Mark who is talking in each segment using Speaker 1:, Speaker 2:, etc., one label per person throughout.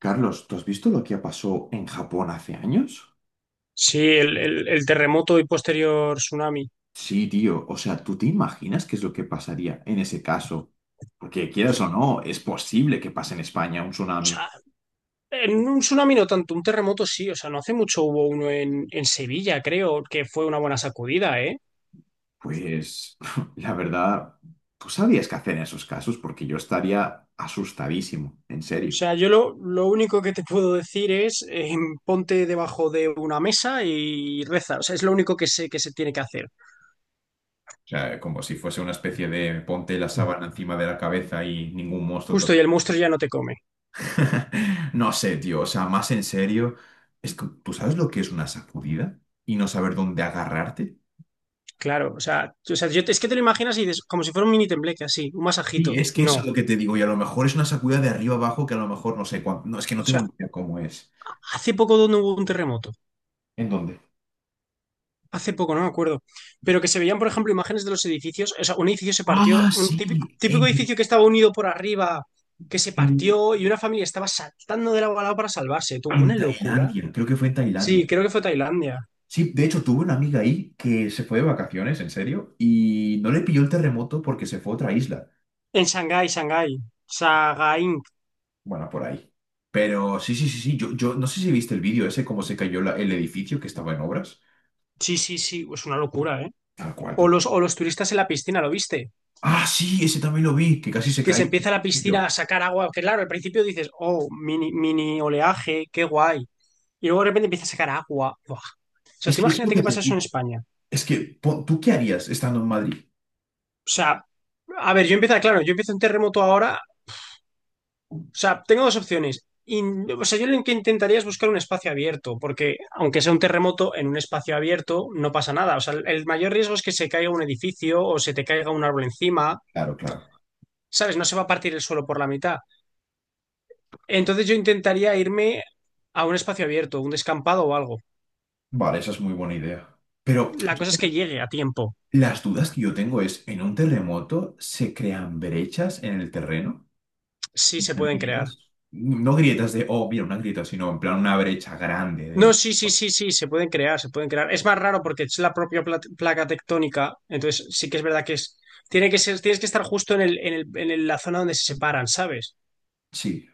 Speaker 1: Carlos, ¿tú has visto lo que pasó en Japón hace años?
Speaker 2: Sí, el, el terremoto y posterior tsunami.
Speaker 1: Sí, tío. O sea, ¿tú te imaginas qué es lo que pasaría en ese caso? Porque quieras o no, es posible que pase en España un
Speaker 2: O
Speaker 1: tsunami.
Speaker 2: sea, en un tsunami no tanto, un terremoto sí. O sea, no hace mucho hubo uno en Sevilla, creo, que fue una buena sacudida, ¿eh?
Speaker 1: Pues, la verdad, tú sabías qué hacer en esos casos porque yo estaría asustadísimo, en
Speaker 2: O
Speaker 1: serio.
Speaker 2: sea, yo lo único que te puedo decir es ponte debajo de una mesa y reza. O sea, es lo único que sé que se tiene que hacer.
Speaker 1: O sea, como si fuese una especie de ponte la sábana encima de la cabeza y ningún monstruo.
Speaker 2: Justo, y el monstruo ya no te come.
Speaker 1: No sé, tío, o sea, más en serio, ¿tú sabes lo que es una sacudida? Y no saber dónde agarrarte.
Speaker 2: Claro, o sea, o sea, yo, es que te lo imaginas y dices, como si fuera un mini tembleque, así, un
Speaker 1: Sí,
Speaker 2: masajito.
Speaker 1: es que eso
Speaker 2: No.
Speaker 1: es
Speaker 2: O
Speaker 1: lo que te digo, y a lo mejor es una sacudida de arriba abajo que a lo mejor no sé cuánto. No, es que no tengo ni
Speaker 2: sea,
Speaker 1: idea cómo es.
Speaker 2: hace poco donde hubo un terremoto.
Speaker 1: ¿En dónde?
Speaker 2: Hace poco, no me acuerdo. Pero que se veían, por ejemplo, imágenes de los edificios. O sea, un edificio se partió,
Speaker 1: Ah,
Speaker 2: un típico,
Speaker 1: sí,
Speaker 2: típico edificio que estaba unido por arriba, que se
Speaker 1: en-
Speaker 2: partió y una familia estaba saltando de lado a lado para salvarse. Tú,
Speaker 1: en
Speaker 2: una locura.
Speaker 1: Tailandia, creo que fue en
Speaker 2: Sí,
Speaker 1: Tailandia.
Speaker 2: creo que fue Tailandia.
Speaker 1: Sí, de hecho tuve una amiga ahí que se fue de vacaciones, en serio, y no le pilló el terremoto porque se fue a otra isla.
Speaker 2: En Shanghái, Shanghái. Sagaing.
Speaker 1: Bueno, por ahí. Pero sí, sí, sí, sí, yo no sé si viste el vídeo ese, cómo se cayó el edificio que estaba en obras.
Speaker 2: Sí, sí, sí. Es una locura, ¿eh?
Speaker 1: Tal cual, tal.
Speaker 2: O los turistas en la piscina, ¿lo viste?
Speaker 1: Ah, sí, ese también lo vi, que casi se
Speaker 2: Que
Speaker 1: caía.
Speaker 2: se
Speaker 1: El
Speaker 2: empieza la piscina a
Speaker 1: edificio.
Speaker 2: sacar agua. Que claro, al principio dices, oh, mini, mini oleaje, qué guay. Y luego de repente empieza a sacar agua. Buah. O sea,
Speaker 1: Es
Speaker 2: tú
Speaker 1: que es lo
Speaker 2: imagínate
Speaker 1: que
Speaker 2: qué
Speaker 1: te
Speaker 2: pasa eso en
Speaker 1: digo.
Speaker 2: España.
Speaker 1: Es que, ¿tú qué harías estando en Madrid?
Speaker 2: O sea, a ver, yo empiezo, claro, yo empiezo en terremoto ahora. O sea, tengo dos opciones. O sea, yo lo que intentaría es buscar un espacio abierto, porque aunque sea un terremoto en un espacio abierto, no pasa nada. O sea, el mayor riesgo es que se caiga un edificio o se te caiga un árbol encima,
Speaker 1: Claro, claro.
Speaker 2: ¿sabes? No se va a partir el suelo por la mitad. Entonces yo intentaría irme a un espacio abierto, un descampado o algo.
Speaker 1: Vale, esa es muy buena idea. Pero
Speaker 2: La cosa es
Speaker 1: yo-
Speaker 2: que llegue a tiempo,
Speaker 1: las dudas que yo tengo es, ¿en un terremoto se crean brechas en el terreno?
Speaker 2: si
Speaker 1: ¿En
Speaker 2: se
Speaker 1: plan
Speaker 2: pueden crear.
Speaker 1: grietas? No grietas de, oh, mira, una grieta, sino en plan una brecha grande
Speaker 2: No,
Speaker 1: de...
Speaker 2: sí, sí,
Speaker 1: Oh,
Speaker 2: sí, sí, se pueden crear, se pueden crear. Es más raro porque es la propia placa tectónica, entonces sí que es verdad que es, tiene que ser, tienes que estar justo en el, la zona donde se separan, ¿sabes?
Speaker 1: sí,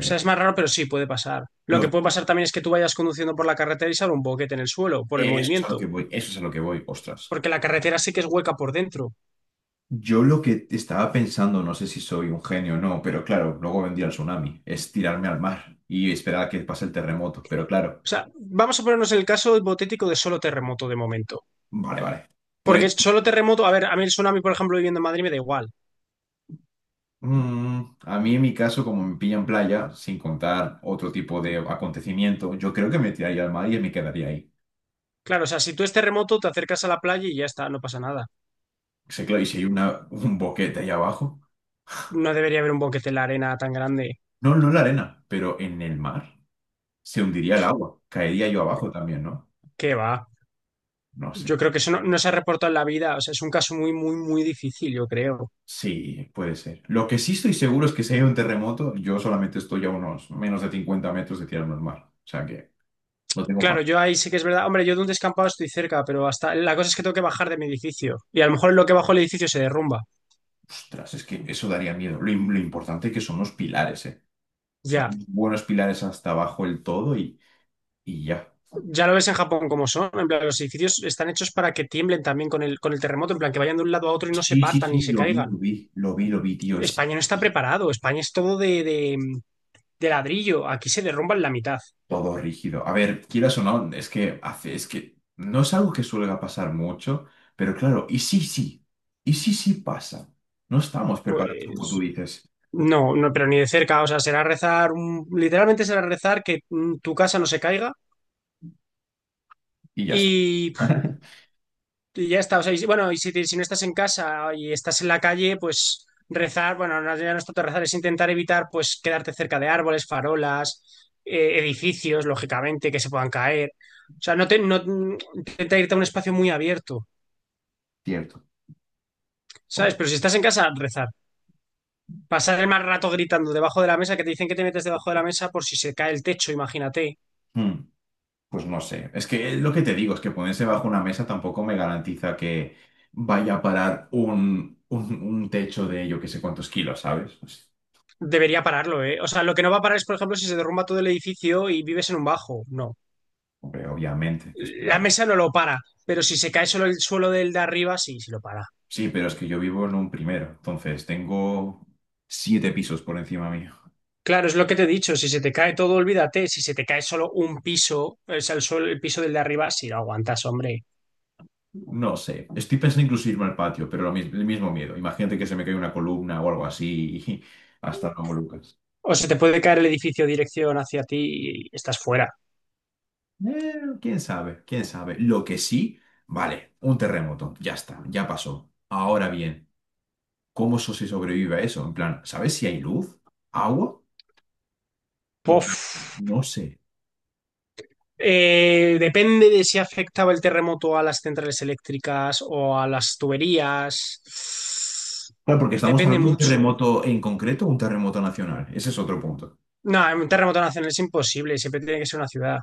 Speaker 2: O sea, es más raro, pero sí puede pasar. Lo que
Speaker 1: lo-
Speaker 2: puede pasar también es que tú vayas conduciendo por la carretera y salga un boquete en el suelo por el
Speaker 1: Eso es a lo que
Speaker 2: movimiento,
Speaker 1: voy, eso es a lo que voy, ostras.
Speaker 2: porque la carretera sí que es hueca por dentro.
Speaker 1: Yo lo que estaba pensando, no sé si soy un genio o no, pero claro, luego vendría el tsunami, es tirarme al mar y esperar a que pase el terremoto, pero claro,
Speaker 2: O sea, vamos a ponernos el caso hipotético de solo terremoto de momento.
Speaker 1: vale, vale. Pues
Speaker 2: Porque solo terremoto, a ver, a mí el tsunami, por ejemplo, viviendo en Madrid me da igual.
Speaker 1: mm, a mí en mi caso, como me pillan playa, sin contar otro tipo de acontecimiento, yo creo que me tiraría al mar y me quedaría ahí.
Speaker 2: Claro, o sea, si tú es terremoto, te acercas a la playa y ya está, no pasa nada.
Speaker 1: Sé claro, y si hay un boquete ahí abajo,
Speaker 2: No debería haber un boquete en la arena tan grande.
Speaker 1: no, no en la arena, pero en el mar, se hundiría el agua, caería yo abajo también, ¿no?
Speaker 2: ¿Qué va?
Speaker 1: No sé.
Speaker 2: Yo creo que eso no, no se ha reportado en la vida. O sea, es un caso muy, muy, muy difícil, yo creo.
Speaker 1: Sí, puede ser. Lo que sí estoy seguro es que si hay un terremoto, yo solamente estoy a unos menos de 50 metros de tirarme al mar. O sea que lo tengo
Speaker 2: Claro,
Speaker 1: fácil.
Speaker 2: yo ahí sí que es verdad. Hombre, yo de un descampado estoy cerca, pero hasta la cosa es que tengo que bajar de mi edificio. Y a lo mejor lo que bajo el edificio se derrumba.
Speaker 1: Ostras, es que eso daría miedo. Lo, lo importante que son los pilares, ¿eh? O sea,
Speaker 2: Ya,
Speaker 1: unos buenos pilares hasta abajo del todo y ya.
Speaker 2: ya lo ves en Japón como son. En plan, los edificios están hechos para que tiemblen también con el terremoto, en plan, que vayan de un lado a otro y no se
Speaker 1: Sí, sí,
Speaker 2: partan ni
Speaker 1: sí,
Speaker 2: se
Speaker 1: lo vi, lo
Speaker 2: caigan.
Speaker 1: vi, lo vi, lo vi, tío, es
Speaker 2: España no está preparado. España es todo de ladrillo. Aquí se derrumba en la mitad.
Speaker 1: todo rígido. A ver, quieras o no, es que no es algo que suele pasar mucho, pero claro, y sí, sí pasa. No estamos preparados, como tú
Speaker 2: Pues
Speaker 1: dices,
Speaker 2: no, no, pero ni de cerca, o sea, será rezar, literalmente será rezar que tu casa no se caiga
Speaker 1: y ya está.
Speaker 2: y, y ya está, o sea, bueno, y si, si no estás en casa y estás en la calle, pues rezar, bueno, no, ya no es tanto rezar, es intentar evitar, pues, quedarte cerca de árboles, farolas, edificios, lógicamente, que se puedan caer, o sea, no te, no, intenta irte a un espacio muy abierto,
Speaker 1: Cierto.
Speaker 2: ¿sabes?
Speaker 1: Bueno,
Speaker 2: Pero si estás en casa, rezar. Pasar el más rato gritando debajo de la mesa, que te dicen que te metes debajo de la mesa por si se cae el techo, imagínate.
Speaker 1: hmm, pues no sé. Es que lo que te digo es que ponerse bajo una mesa tampoco me garantiza que vaya a parar un techo de yo que sé cuántos kilos, ¿sabes? Pues
Speaker 2: Debería pararlo, ¿eh? O sea, lo que no va a parar es, por ejemplo, si se derrumba todo el edificio y vives en un bajo. No.
Speaker 1: hombre, obviamente, que es
Speaker 2: La
Speaker 1: claro.
Speaker 2: mesa no lo para, pero si se cae solo el suelo del de arriba, sí, sí lo para.
Speaker 1: Sí, pero es que yo vivo en un primero, entonces tengo siete pisos por encima mío.
Speaker 2: Claro, es lo que te he dicho. Si se te cae todo, olvídate. Si se te cae solo un piso, o sea, el suelo, el piso del de arriba, sí lo aguantas, hombre.
Speaker 1: No sé, estoy pensando incluso irme al patio, pero el mismo miedo. Imagínate que se me cae una columna o algo así y hasta luego, Lucas.
Speaker 2: O se te puede caer el edificio dirección hacia ti y estás fuera.
Speaker 1: Eh, quién sabe, quién sabe. Lo que sí, vale, un terremoto, ya está, ya pasó. Ahora bien, ¿cómo eso se sobrevive a eso? En plan, ¿sabes si hay luz? ¿Agua? En plan,
Speaker 2: Pof.
Speaker 1: no sé.
Speaker 2: Depende de si afectaba el terremoto a las centrales eléctricas o a las tuberías.
Speaker 1: Claro, porque estamos
Speaker 2: Depende
Speaker 1: hablando de un
Speaker 2: mucho, ¿eh?
Speaker 1: terremoto en concreto o un terremoto nacional. Ese es otro punto.
Speaker 2: No, en un terremoto nacional es imposible, siempre tiene que ser una ciudad.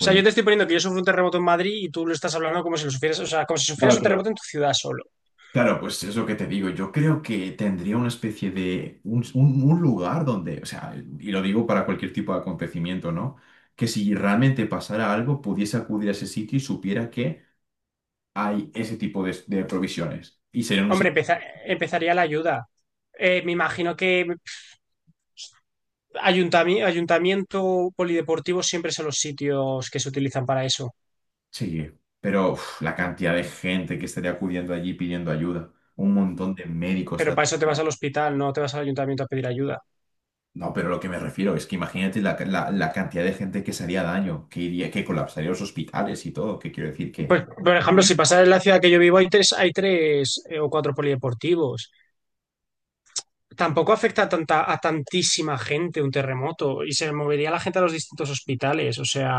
Speaker 2: O sea, yo te estoy poniendo que yo sufro un terremoto en Madrid y tú lo estás hablando como si lo sufrieras, o sea, como si sufrieras
Speaker 1: claro,
Speaker 2: un
Speaker 1: claro.
Speaker 2: terremoto en tu ciudad solo.
Speaker 1: Claro, pues es lo que te digo. Yo creo que tendría una especie de un lugar donde, o sea, y lo digo para cualquier tipo de acontecimiento, ¿no? Que si realmente pasara algo, pudiese acudir a ese sitio y supiera que hay ese tipo de provisiones. Y sería un
Speaker 2: Hombre,
Speaker 1: sitio.
Speaker 2: empezaría la ayuda. Me imagino que ayuntamiento polideportivo siempre son los sitios que se utilizan para eso.
Speaker 1: Sí, pero uf, la cantidad de gente que estaría acudiendo allí pidiendo ayuda. Un montón de médicos
Speaker 2: Pero para eso te vas al hospital, no te vas al ayuntamiento a pedir ayuda.
Speaker 1: No, pero lo que me refiero es que imagínate la cantidad de gente que se haría daño, que iría, que colapsaría los hospitales y todo. ¿Qué quiero decir? Que
Speaker 2: Pues, por ejemplo, si pasas en la ciudad que yo vivo, hay tres o cuatro polideportivos. Tampoco afecta a tanta, a tantísima gente un terremoto y se movería la gente a los distintos hospitales. O sea,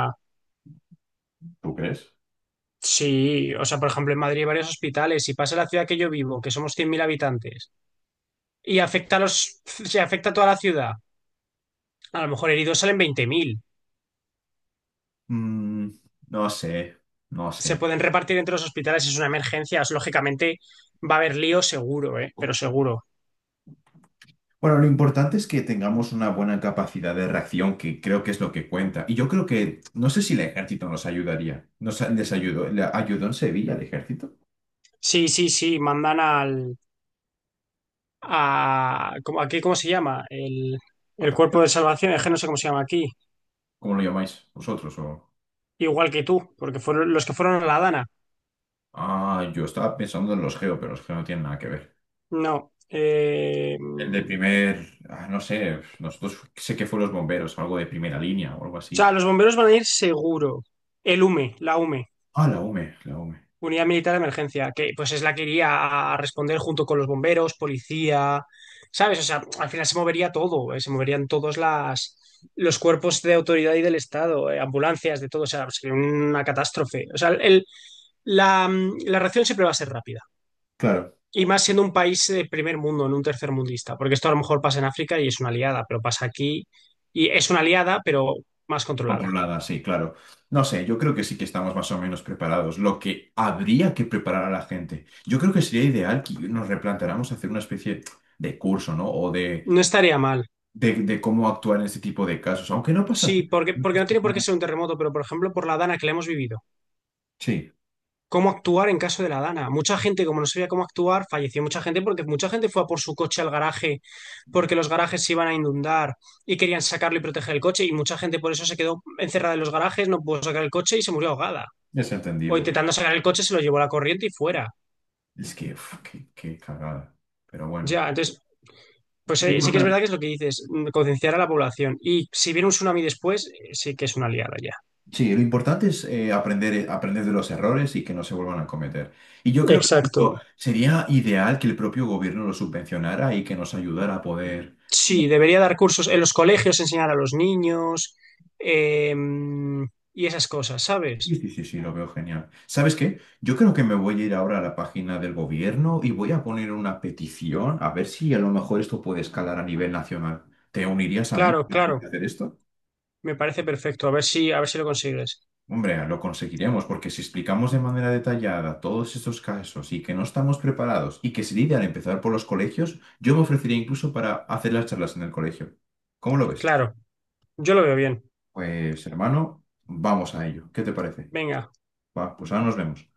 Speaker 1: ¿tú crees?
Speaker 2: sí, o sea, por ejemplo, en Madrid hay varios hospitales. Si pasa en la ciudad que yo vivo, que somos 100.000 habitantes, y afecta a los, se afecta a toda la ciudad, a lo mejor heridos salen 20.000.
Speaker 1: Mm, no sé, no sé.
Speaker 2: Se pueden repartir entre los hospitales, es una emergencia. Lógicamente va a haber lío seguro, ¿eh? Pero seguro.
Speaker 1: Bueno, lo importante es que tengamos una buena capacidad de reacción, que creo que es lo que cuenta. Y yo creo que, no sé si el ejército nos ayudaría. Nos les ayudó, ¿le ayudó en Sevilla el ejército?
Speaker 2: Sí, sí, sí, mandan al... A, ¿cómo- aquí, ¿cómo se llama? El
Speaker 1: Ataque.
Speaker 2: cuerpo de salvación, es que no sé cómo se llama aquí.
Speaker 1: ¿Cómo lo llamáis vosotros? O...
Speaker 2: Igual que tú, porque fueron los que fueron a la Dana.
Speaker 1: Ah, yo estaba pensando en los geo, pero los geo no tienen nada que ver.
Speaker 2: No.
Speaker 1: El de
Speaker 2: O
Speaker 1: primer, ah, no sé, nosotros sé que fue los bomberos, algo de primera línea o algo
Speaker 2: sea,
Speaker 1: así.
Speaker 2: los bomberos van a ir seguro. El UME, la UME,
Speaker 1: Ah, la UME, la UME.
Speaker 2: Unidad Militar de Emergencia, que pues es la que iría a responder junto con los bomberos, policía, ¿sabes? O sea, al final se movería todo, se moverían todos las, los cuerpos de autoridad y del Estado, ambulancias, de todo. O sea, sería una catástrofe. O sea, el, la, la reacción siempre va a ser rápida.
Speaker 1: Claro.
Speaker 2: Y más siendo un país de primer mundo, en un tercer mundista, porque esto a lo mejor pasa en África y es una aliada, pero pasa aquí y es una aliada, pero más controlada.
Speaker 1: Controlada, sí, claro. No sé, yo creo que sí que estamos más o menos preparados. Lo que habría que preparar a la gente. Yo creo que sería ideal que nos replanteáramos hacer una especie de curso, ¿no? O
Speaker 2: No estaría mal.
Speaker 1: de cómo actuar en este tipo de casos, aunque no pasa
Speaker 2: Sí, porque, porque no tiene por qué
Speaker 1: nada.
Speaker 2: ser un terremoto, pero por ejemplo, por la Dana que le hemos vivido.
Speaker 1: Sí,
Speaker 2: ¿Cómo actuar en caso de la Dana? Mucha gente, como no sabía cómo actuar, falleció mucha gente porque mucha gente fue a por su coche al garaje porque los garajes se iban a inundar y querían sacarlo y proteger el coche y mucha gente por eso se quedó encerrada en los garajes, no pudo sacar el coche y se murió ahogada.
Speaker 1: es
Speaker 2: O
Speaker 1: entendible.
Speaker 2: intentando sacar el coche se lo llevó la corriente y fuera.
Speaker 1: Es que, uf, qué, qué cagada. Pero bueno.
Speaker 2: Ya, entonces pues sí que es verdad que es lo que dices, concienciar a la población. Y si viene un tsunami después, sí que es una liada ya.
Speaker 1: Sí, lo importante es aprender, aprender de los errores y que no se vuelvan a cometer. Y yo creo que
Speaker 2: Exacto.
Speaker 1: justo sería ideal que el propio gobierno lo subvencionara y que nos ayudara a poder...
Speaker 2: Sí, debería dar cursos en los colegios, enseñar a los niños eh, y esas cosas,
Speaker 1: Sí,
Speaker 2: ¿sabes?
Speaker 1: sí, sí, sí, lo veo genial. ¿Sabes qué? Yo creo que me voy a ir ahora a la página del gobierno y voy a poner una petición a ver si a lo mejor esto puede escalar a nivel nacional. ¿Te unirías a mí
Speaker 2: Claro,
Speaker 1: para poder
Speaker 2: claro.
Speaker 1: hacer esto?
Speaker 2: Me parece perfecto. A ver si lo consigues.
Speaker 1: Hombre, lo conseguiremos porque si explicamos de manera detallada todos estos casos y que no estamos preparados y que se lidia al empezar por los colegios, yo me ofrecería incluso para hacer las charlas en el colegio. ¿Cómo lo ves?
Speaker 2: Claro, yo lo veo bien.
Speaker 1: Pues hermano, vamos a ello. ¿Qué te parece?
Speaker 2: Venga.
Speaker 1: Va, pues ahora nos vemos.